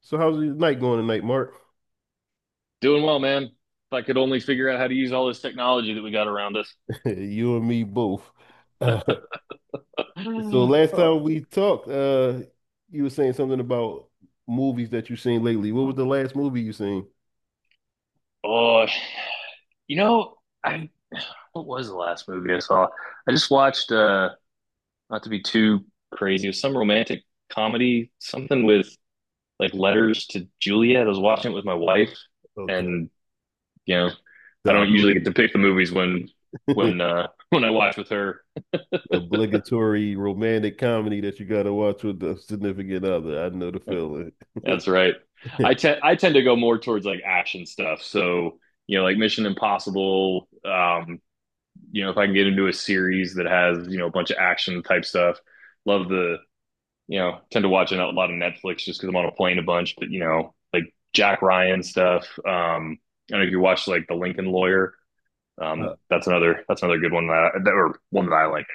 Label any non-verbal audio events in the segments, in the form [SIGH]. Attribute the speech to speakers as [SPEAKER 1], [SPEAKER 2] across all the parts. [SPEAKER 1] So how's your night going tonight, Mark?
[SPEAKER 2] Doing well, man. If I could only figure out how to use all this technology that we got around us.
[SPEAKER 1] [LAUGHS] You and me both. [LAUGHS] Uh, So last time we
[SPEAKER 2] [GASPS]
[SPEAKER 1] talked, you were saying something about movies that you've seen lately. What was the last movie you seen?
[SPEAKER 2] Oh, you know, I what was the last movie I saw? I just watched not to be too crazy, it was some romantic comedy, something with like Letters to Juliet. I was watching it with my wife,
[SPEAKER 1] Okay.
[SPEAKER 2] and you know,
[SPEAKER 1] The
[SPEAKER 2] I don't usually
[SPEAKER 1] oblig
[SPEAKER 2] get to pick the movies when
[SPEAKER 1] [LAUGHS]
[SPEAKER 2] [LAUGHS] when I watch with her.
[SPEAKER 1] obligatory romantic comedy that you gotta watch with the significant other. I know the
[SPEAKER 2] [LAUGHS]
[SPEAKER 1] feeling.
[SPEAKER 2] That's right. I tend to go more towards like action stuff. So, like Mission Impossible, if I can get into a series that has, a bunch of action type stuff. Love tend to watch a lot of Netflix just because I'm on a plane a bunch, but like Jack Ryan stuff. I don't know if you watch like The Lincoln Lawyer.
[SPEAKER 1] [LAUGHS] Uh,
[SPEAKER 2] That's another good one that, I, that or one that I like.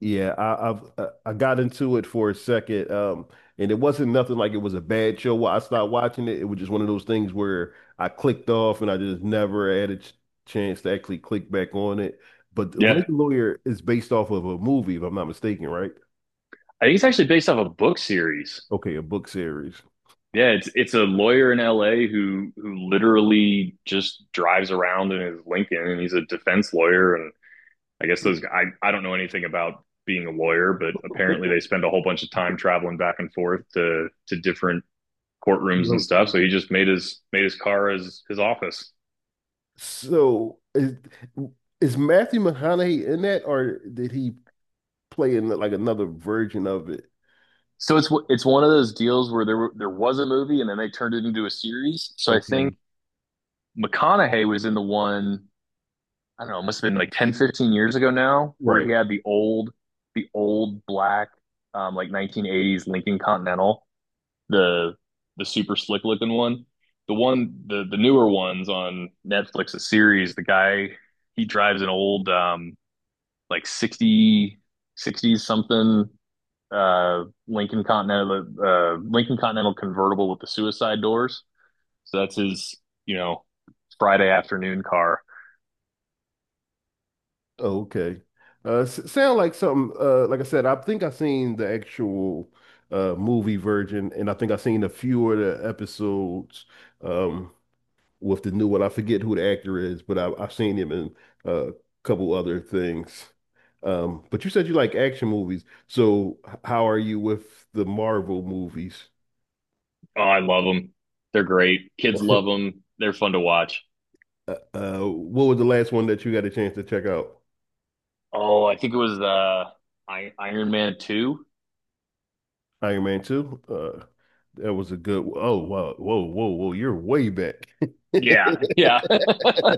[SPEAKER 1] Yeah, I got into it for a second, and it wasn't nothing like it was a bad show. While I stopped watching it, it was just one of those things where I clicked off, and I just never had a ch chance to actually click back on it. But The
[SPEAKER 2] Yeah.
[SPEAKER 1] Lincoln Lawyer is based off of a movie, if I'm not mistaken, right?
[SPEAKER 2] I think it's actually based off a book series.
[SPEAKER 1] Okay, a book series.
[SPEAKER 2] Yeah, it's a lawyer in LA who literally just drives around in his Lincoln, and he's a defense lawyer. And I guess
[SPEAKER 1] So,
[SPEAKER 2] those I don't know anything about being a lawyer, but apparently they spend a whole bunch of time traveling back and forth to different courtrooms and
[SPEAKER 1] you're-
[SPEAKER 2] stuff. So he just made his car his office.
[SPEAKER 1] so is Matthew McConaughey in that, or did he play in like another version of it?
[SPEAKER 2] So it's one of those deals where there was a movie, and then they turned it into a series. So I
[SPEAKER 1] Okay,
[SPEAKER 2] think McConaughey was in the one. I don't know, it must have been like 10, 15 years ago now, where
[SPEAKER 1] right.
[SPEAKER 2] he had the old black, like 1980s Lincoln Continental, the the super slick looking one. The newer ones on Netflix, a series. The guy, he drives an old, like sixty something, Lincoln Continental convertible with the suicide doors. So that's his, you know, Friday afternoon car.
[SPEAKER 1] Oh, okay. Sound like something. Like I said, I think I seen the actual movie version, and I think I seen a few of the episodes um with the new one. I forget who the actor is, but I've seen him in a couple other things. But you said you like action movies, so how are you with the Marvel movies?
[SPEAKER 2] Oh, I love them. They're great. Kids love
[SPEAKER 1] [LAUGHS]
[SPEAKER 2] them. They're fun to watch.
[SPEAKER 1] What was the last one that you got a chance to check out?
[SPEAKER 2] Oh, I think it was Iron Man 2.
[SPEAKER 1] Iron Man 2? That was a good. Oh, wow. Whoa, whoa, whoa. You're way back. [LAUGHS]
[SPEAKER 2] Yeah. Yeah. [LAUGHS]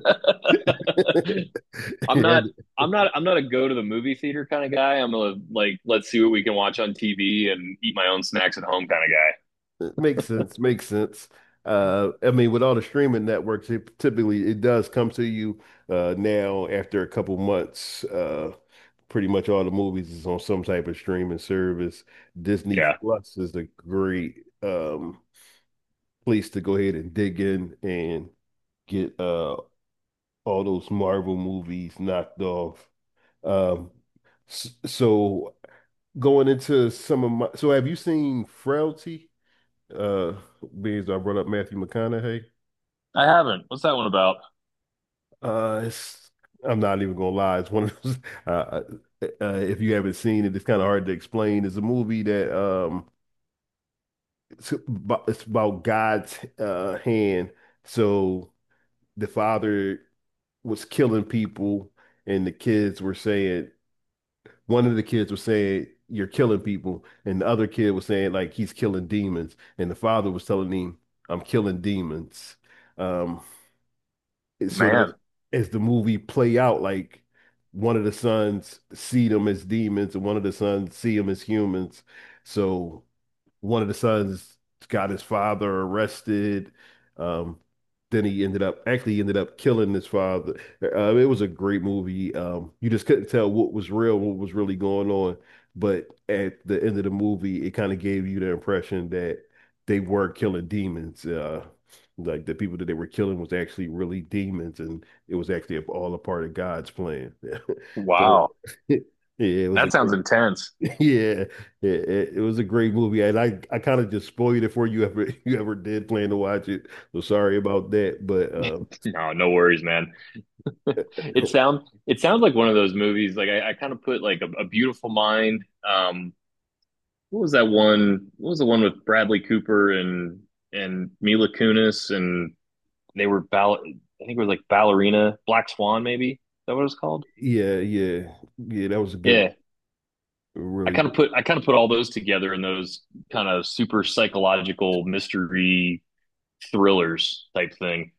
[SPEAKER 2] I'm not
[SPEAKER 1] And
[SPEAKER 2] I'm not a go to the movie theater kind of guy. I'm a, like, let's see what we can watch on TV and eat my own snacks at home kind of guy.
[SPEAKER 1] it makes sense. Makes sense. I mean, with all the streaming networks, it typically it does come to you now after a couple months. Pretty much all the movies is on some type of streaming service. Disney
[SPEAKER 2] Yeah.
[SPEAKER 1] Plus is a great place to go ahead and dig in and get all those Marvel movies knocked off. Um, so going into some of my so have you seen Frailty? Uh Being as I brought up Matthew McConaughey.
[SPEAKER 2] I haven't. What's that one about?
[SPEAKER 1] It's I'm not even gonna lie, it's one of those [LAUGHS] uh, if you haven't seen it, it's kind of hard to explain. It's a movie that it's about God's hand. So the father was killing people and the kids were saying one of the kids was saying you're killing people and the other kid was saying like he's killing demons and the father was telling him I'm killing demons um so that
[SPEAKER 2] Man.
[SPEAKER 1] as the movie play out like one of the sons see them as demons and one of the sons see them as humans so one of the sons got his father arrested. Um, then he ended up actually ended up killing his father. It was a great movie. You just couldn't tell what was real, what was really going on. But at the end of the movie, it kind of gave you the impression that they were killing demons. Like the people that they were killing was actually really demons, and it was actually all a part of God's plan. [LAUGHS] So,
[SPEAKER 2] Wow.
[SPEAKER 1] [LAUGHS] yeah, it was a
[SPEAKER 2] That
[SPEAKER 1] great.
[SPEAKER 2] sounds intense.
[SPEAKER 1] [LAUGHS] Yeah, it, it was a great movie, and I kind of just spoiled it for you ever [LAUGHS] you ever did plan to watch it. So sorry about that, but
[SPEAKER 2] No, no worries, man. [LAUGHS] It sounds like one of those movies. Like I kind of put like a Beautiful Mind. What was that one? What was the one with Bradley Cooper and Mila Kunis and they were ball. I think it was like Ballerina, Black Swan, maybe. Is that what it was called?
[SPEAKER 1] [LAUGHS] yeah, yeah, yeah, that was a good,
[SPEAKER 2] Yeah. I
[SPEAKER 1] really
[SPEAKER 2] kind
[SPEAKER 1] good.
[SPEAKER 2] of put I kind of put all those together in those kind of super psychological mystery thrillers type thing.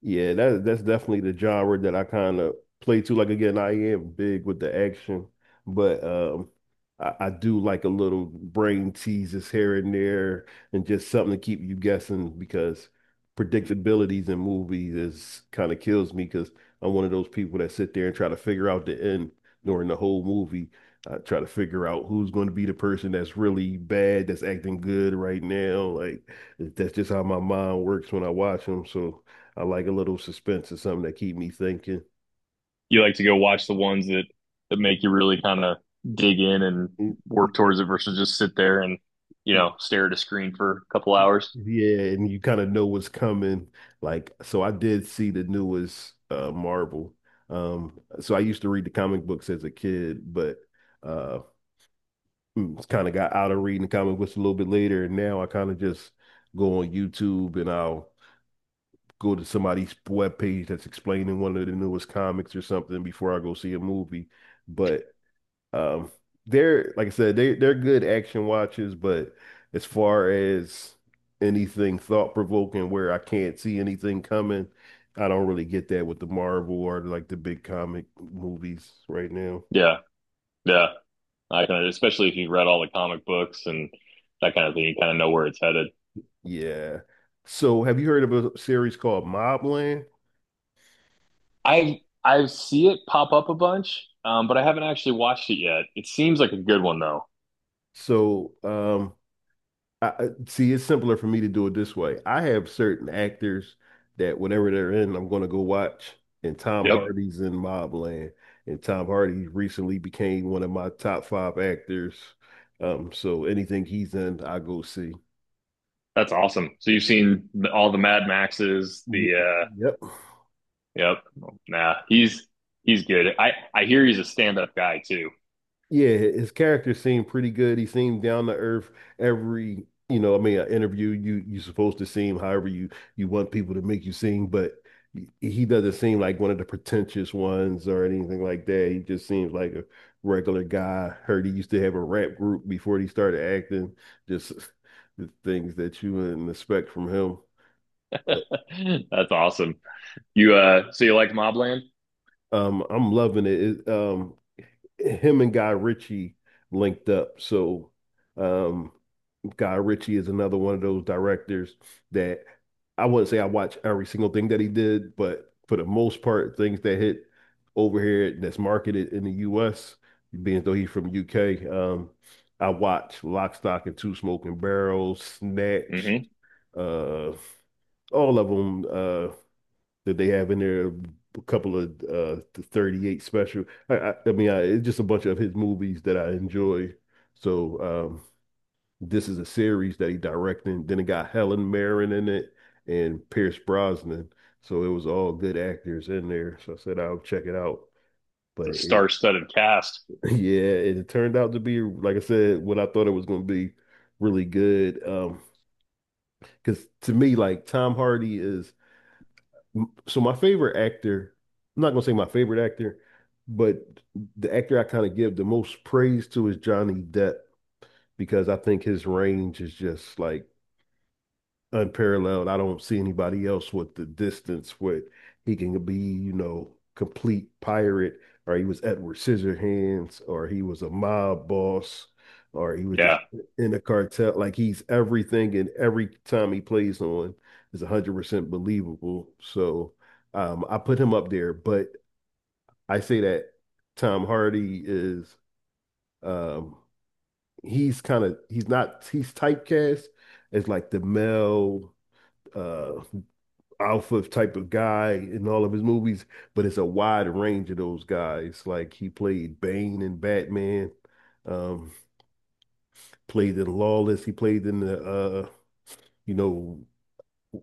[SPEAKER 1] Yeah, that's definitely the genre that I kind of play to. Like again, I am big with the action, but I do like a little brain teases here and there and just something to keep you guessing because predictabilities in movies is kind of kills me because I'm one of those people that sit there and try to figure out the end during the whole movie. I try to figure out who's going to be the person that's really bad, that's acting good right now. Like that's just how my mind works when I watch them. So I like a little suspense or something that keep me thinking.
[SPEAKER 2] You like to go watch the ones that make you really kind of dig in and work towards it versus just sit there and stare at a screen for a couple hours.
[SPEAKER 1] Yeah, and you kind of know what's coming. Like, so I did see the newest Marvel. So I used to read the comic books as a kid, but uh, it's kind of got out of reading the comic books a little bit later. And now I kind of just go on YouTube and I'll go to somebody's webpage that's explaining one of the newest comics or something before I go see a movie. But Um, they're like I said, they're good action watches, but as far as anything thought provoking where I can't see anything coming, I don't really get that with the Marvel or like the big comic movies right now.
[SPEAKER 2] Yeah, yeah. I kind of, especially if you've read all the comic books and that kind of thing, you kind of know where it's headed.
[SPEAKER 1] Yeah. So have you heard of a series called Mobland?
[SPEAKER 2] I see it pop up a bunch, but I haven't actually watched it yet. It seems like a good one though.
[SPEAKER 1] So I, see, it's simpler for me to do it this way. I have certain actors that whenever they're in, I'm going to go watch. And Tom
[SPEAKER 2] Yep,
[SPEAKER 1] Hardy's in Mobland, and Tom Hardy recently became one of my top 5 actors. So anything he's in, I go see.
[SPEAKER 2] that's awesome. So you've seen all the Mad Maxes,
[SPEAKER 1] Ye-
[SPEAKER 2] the
[SPEAKER 1] Yep.
[SPEAKER 2] yep, nah, he's good. I hear he's a stand up guy too.
[SPEAKER 1] Yeah, his character seemed pretty good. He seemed down to earth every, you know, I mean, an interview you supposed to seem however you want people to make you seem, but he doesn't seem like one of the pretentious ones or anything like that. He just seems like a regular guy. Heard he used to have a rap group before he started acting. Just [LAUGHS] the things that you wouldn't expect from him. But
[SPEAKER 2] [LAUGHS] That's awesome. You So you like Mobland?
[SPEAKER 1] I'm loving it. Him and Guy Ritchie linked up, so. Um, Guy Ritchie is another one of those directors that I wouldn't say I watch every single thing that he did, but for the most part, things that hit over here that's marketed in the US, being though he's from UK, I watch Lock, Stock, and Two Smoking Barrels, Snatch,
[SPEAKER 2] Mm-hmm.
[SPEAKER 1] uh, all of them that they have in there. A couple of the 38 special. I mean, it's just a bunch of his movies that I enjoy. So, this is a series that he directed. Then it got Helen Mirren in it and Pierce Brosnan. So it was all good actors in there. So I said I'll check it out. But
[SPEAKER 2] It's a
[SPEAKER 1] it,
[SPEAKER 2] star-studded cast.
[SPEAKER 1] [LAUGHS] yeah, it turned out to be, like I said, what I thought it was going to be really good. Because to me, Tom Hardy is my favorite actor. I'm not gonna say my favorite actor, but the actor I kind of give the most praise to is Johnny Depp because I think his range is just like unparalleled. I don't see anybody else with the distance with he can be, you know, complete pirate, or he was Edward Scissorhands, or he was a mob boss, or he was just
[SPEAKER 2] Yeah,
[SPEAKER 1] in a cartel. Like he's everything, and every time he plays on is 100% believable. So I put him up there, but I say that Tom Hardy is. Um, He's kind of he's not he's typecast as like the male uh alpha type of guy in all of his movies, but it's a wide range of those guys. Like he played Bane in Batman, um, played in Lawless, he played in the you know,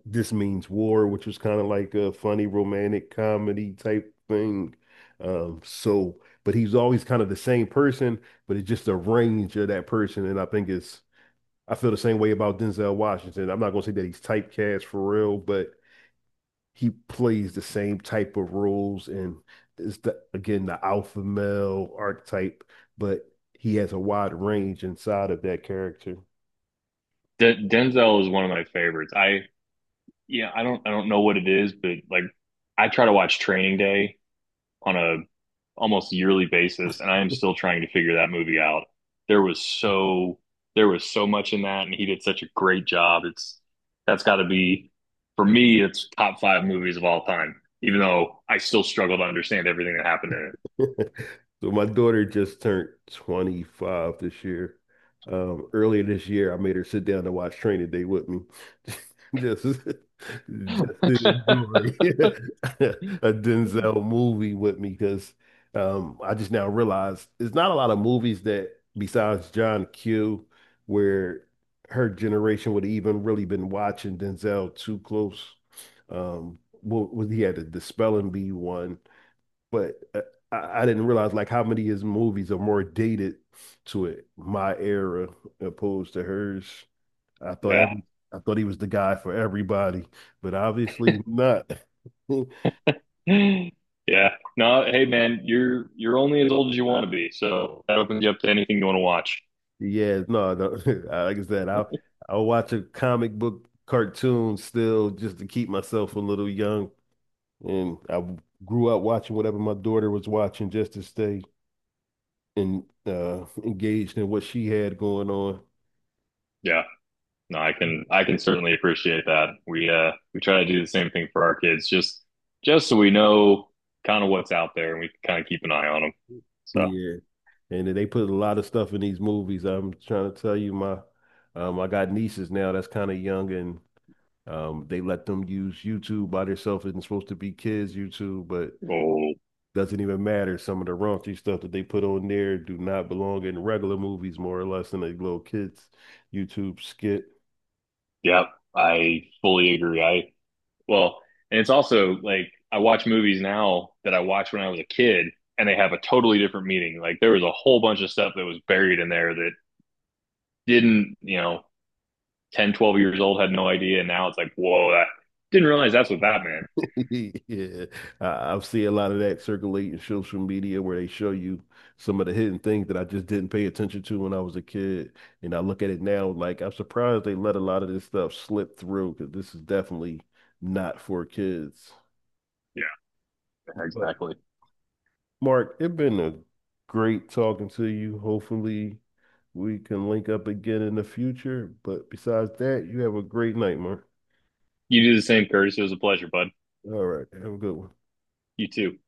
[SPEAKER 1] This Means War, which was kind of like a funny romantic comedy type thing. But he's always kind of the same person, but it's just a range of that person, and I think it's I feel the same way about Denzel Washington. I'm not gonna say that he's typecast for real, but he plays the same type of roles and is the again the alpha male archetype, but he has a wide range inside of that character.
[SPEAKER 2] Denzel is one of my favorites. I yeah, I don't know what it is, but like I try to watch Training Day on a almost yearly basis, and I am still trying to figure that movie out. There was so there was so much in that, and he did such a great job. It's that's got to be, for me. It's top five movies of all time, even though I still struggle to understand everything that happened in
[SPEAKER 1] [LAUGHS] So my daughter just turned 25 this year. Earlier this year, I made her sit down and watch Training Day with me, [LAUGHS] just to
[SPEAKER 2] it. [LAUGHS]
[SPEAKER 1] enjoy [LAUGHS] a
[SPEAKER 2] [LAUGHS]
[SPEAKER 1] Denzel movie with me because I just now realized there's not a lot of movies that besides John Q where her generation would have even really been watching Denzel too close. What was he had the Spelling Bee one? But I didn't realize like how many of his movies are more dated to it, my era opposed to hers. I thought
[SPEAKER 2] Yeah.
[SPEAKER 1] every I thought he was the guy for everybody, but obviously not. [LAUGHS]
[SPEAKER 2] Yeah. No, hey man, you're only as old as you want to be. So that opens you up to anything you want to watch.
[SPEAKER 1] Yeah, no, no. [LAUGHS] Like I said, I'll watch a comic book cartoon still just to keep myself a little young. And I w- Grew up watching whatever my daughter was watching just to stay and engaged in what she had going on.
[SPEAKER 2] Yeah. No, I can certainly appreciate that. We try to do the same thing for our kids, just so we know kind of what's out there, and we can kind of keep an eye on them. So,
[SPEAKER 1] Yeah. And they put a lot of stuff in these movies. I'm trying to tell you, my I got nieces now that's kind of young, and they let them use YouTube by themselves. It's supposed to be kids' YouTube, but
[SPEAKER 2] oh,
[SPEAKER 1] doesn't even matter. Some of the raunchy stuff that they put on there do not belong in regular movies, more or less, than a little kids' YouTube skit.
[SPEAKER 2] yep. I fully agree. I. Well, and it's also like I watch movies now that I watched when I was a kid, and they have a totally different meaning. Like there was a whole bunch of stuff that was buried in there that didn't, 10, 12 years old had no idea. And now it's like, whoa, that didn't realize that's what that meant.
[SPEAKER 1] [LAUGHS] Yeah, I've seen a lot of that circulate in social media where they show you some of the hidden things that I just didn't pay attention to when I was a kid. And I look at it now, like I'm surprised they let a lot of this stuff slip through because this is definitely not for kids.
[SPEAKER 2] Yeah,
[SPEAKER 1] But
[SPEAKER 2] exactly.
[SPEAKER 1] Mark, it's been a great talking to you. Hopefully, we can link up again in the future. But besides that, you have a great night, Mark.
[SPEAKER 2] You do the same, Curtis. It was a pleasure, bud.
[SPEAKER 1] All right, have a good one.
[SPEAKER 2] You too.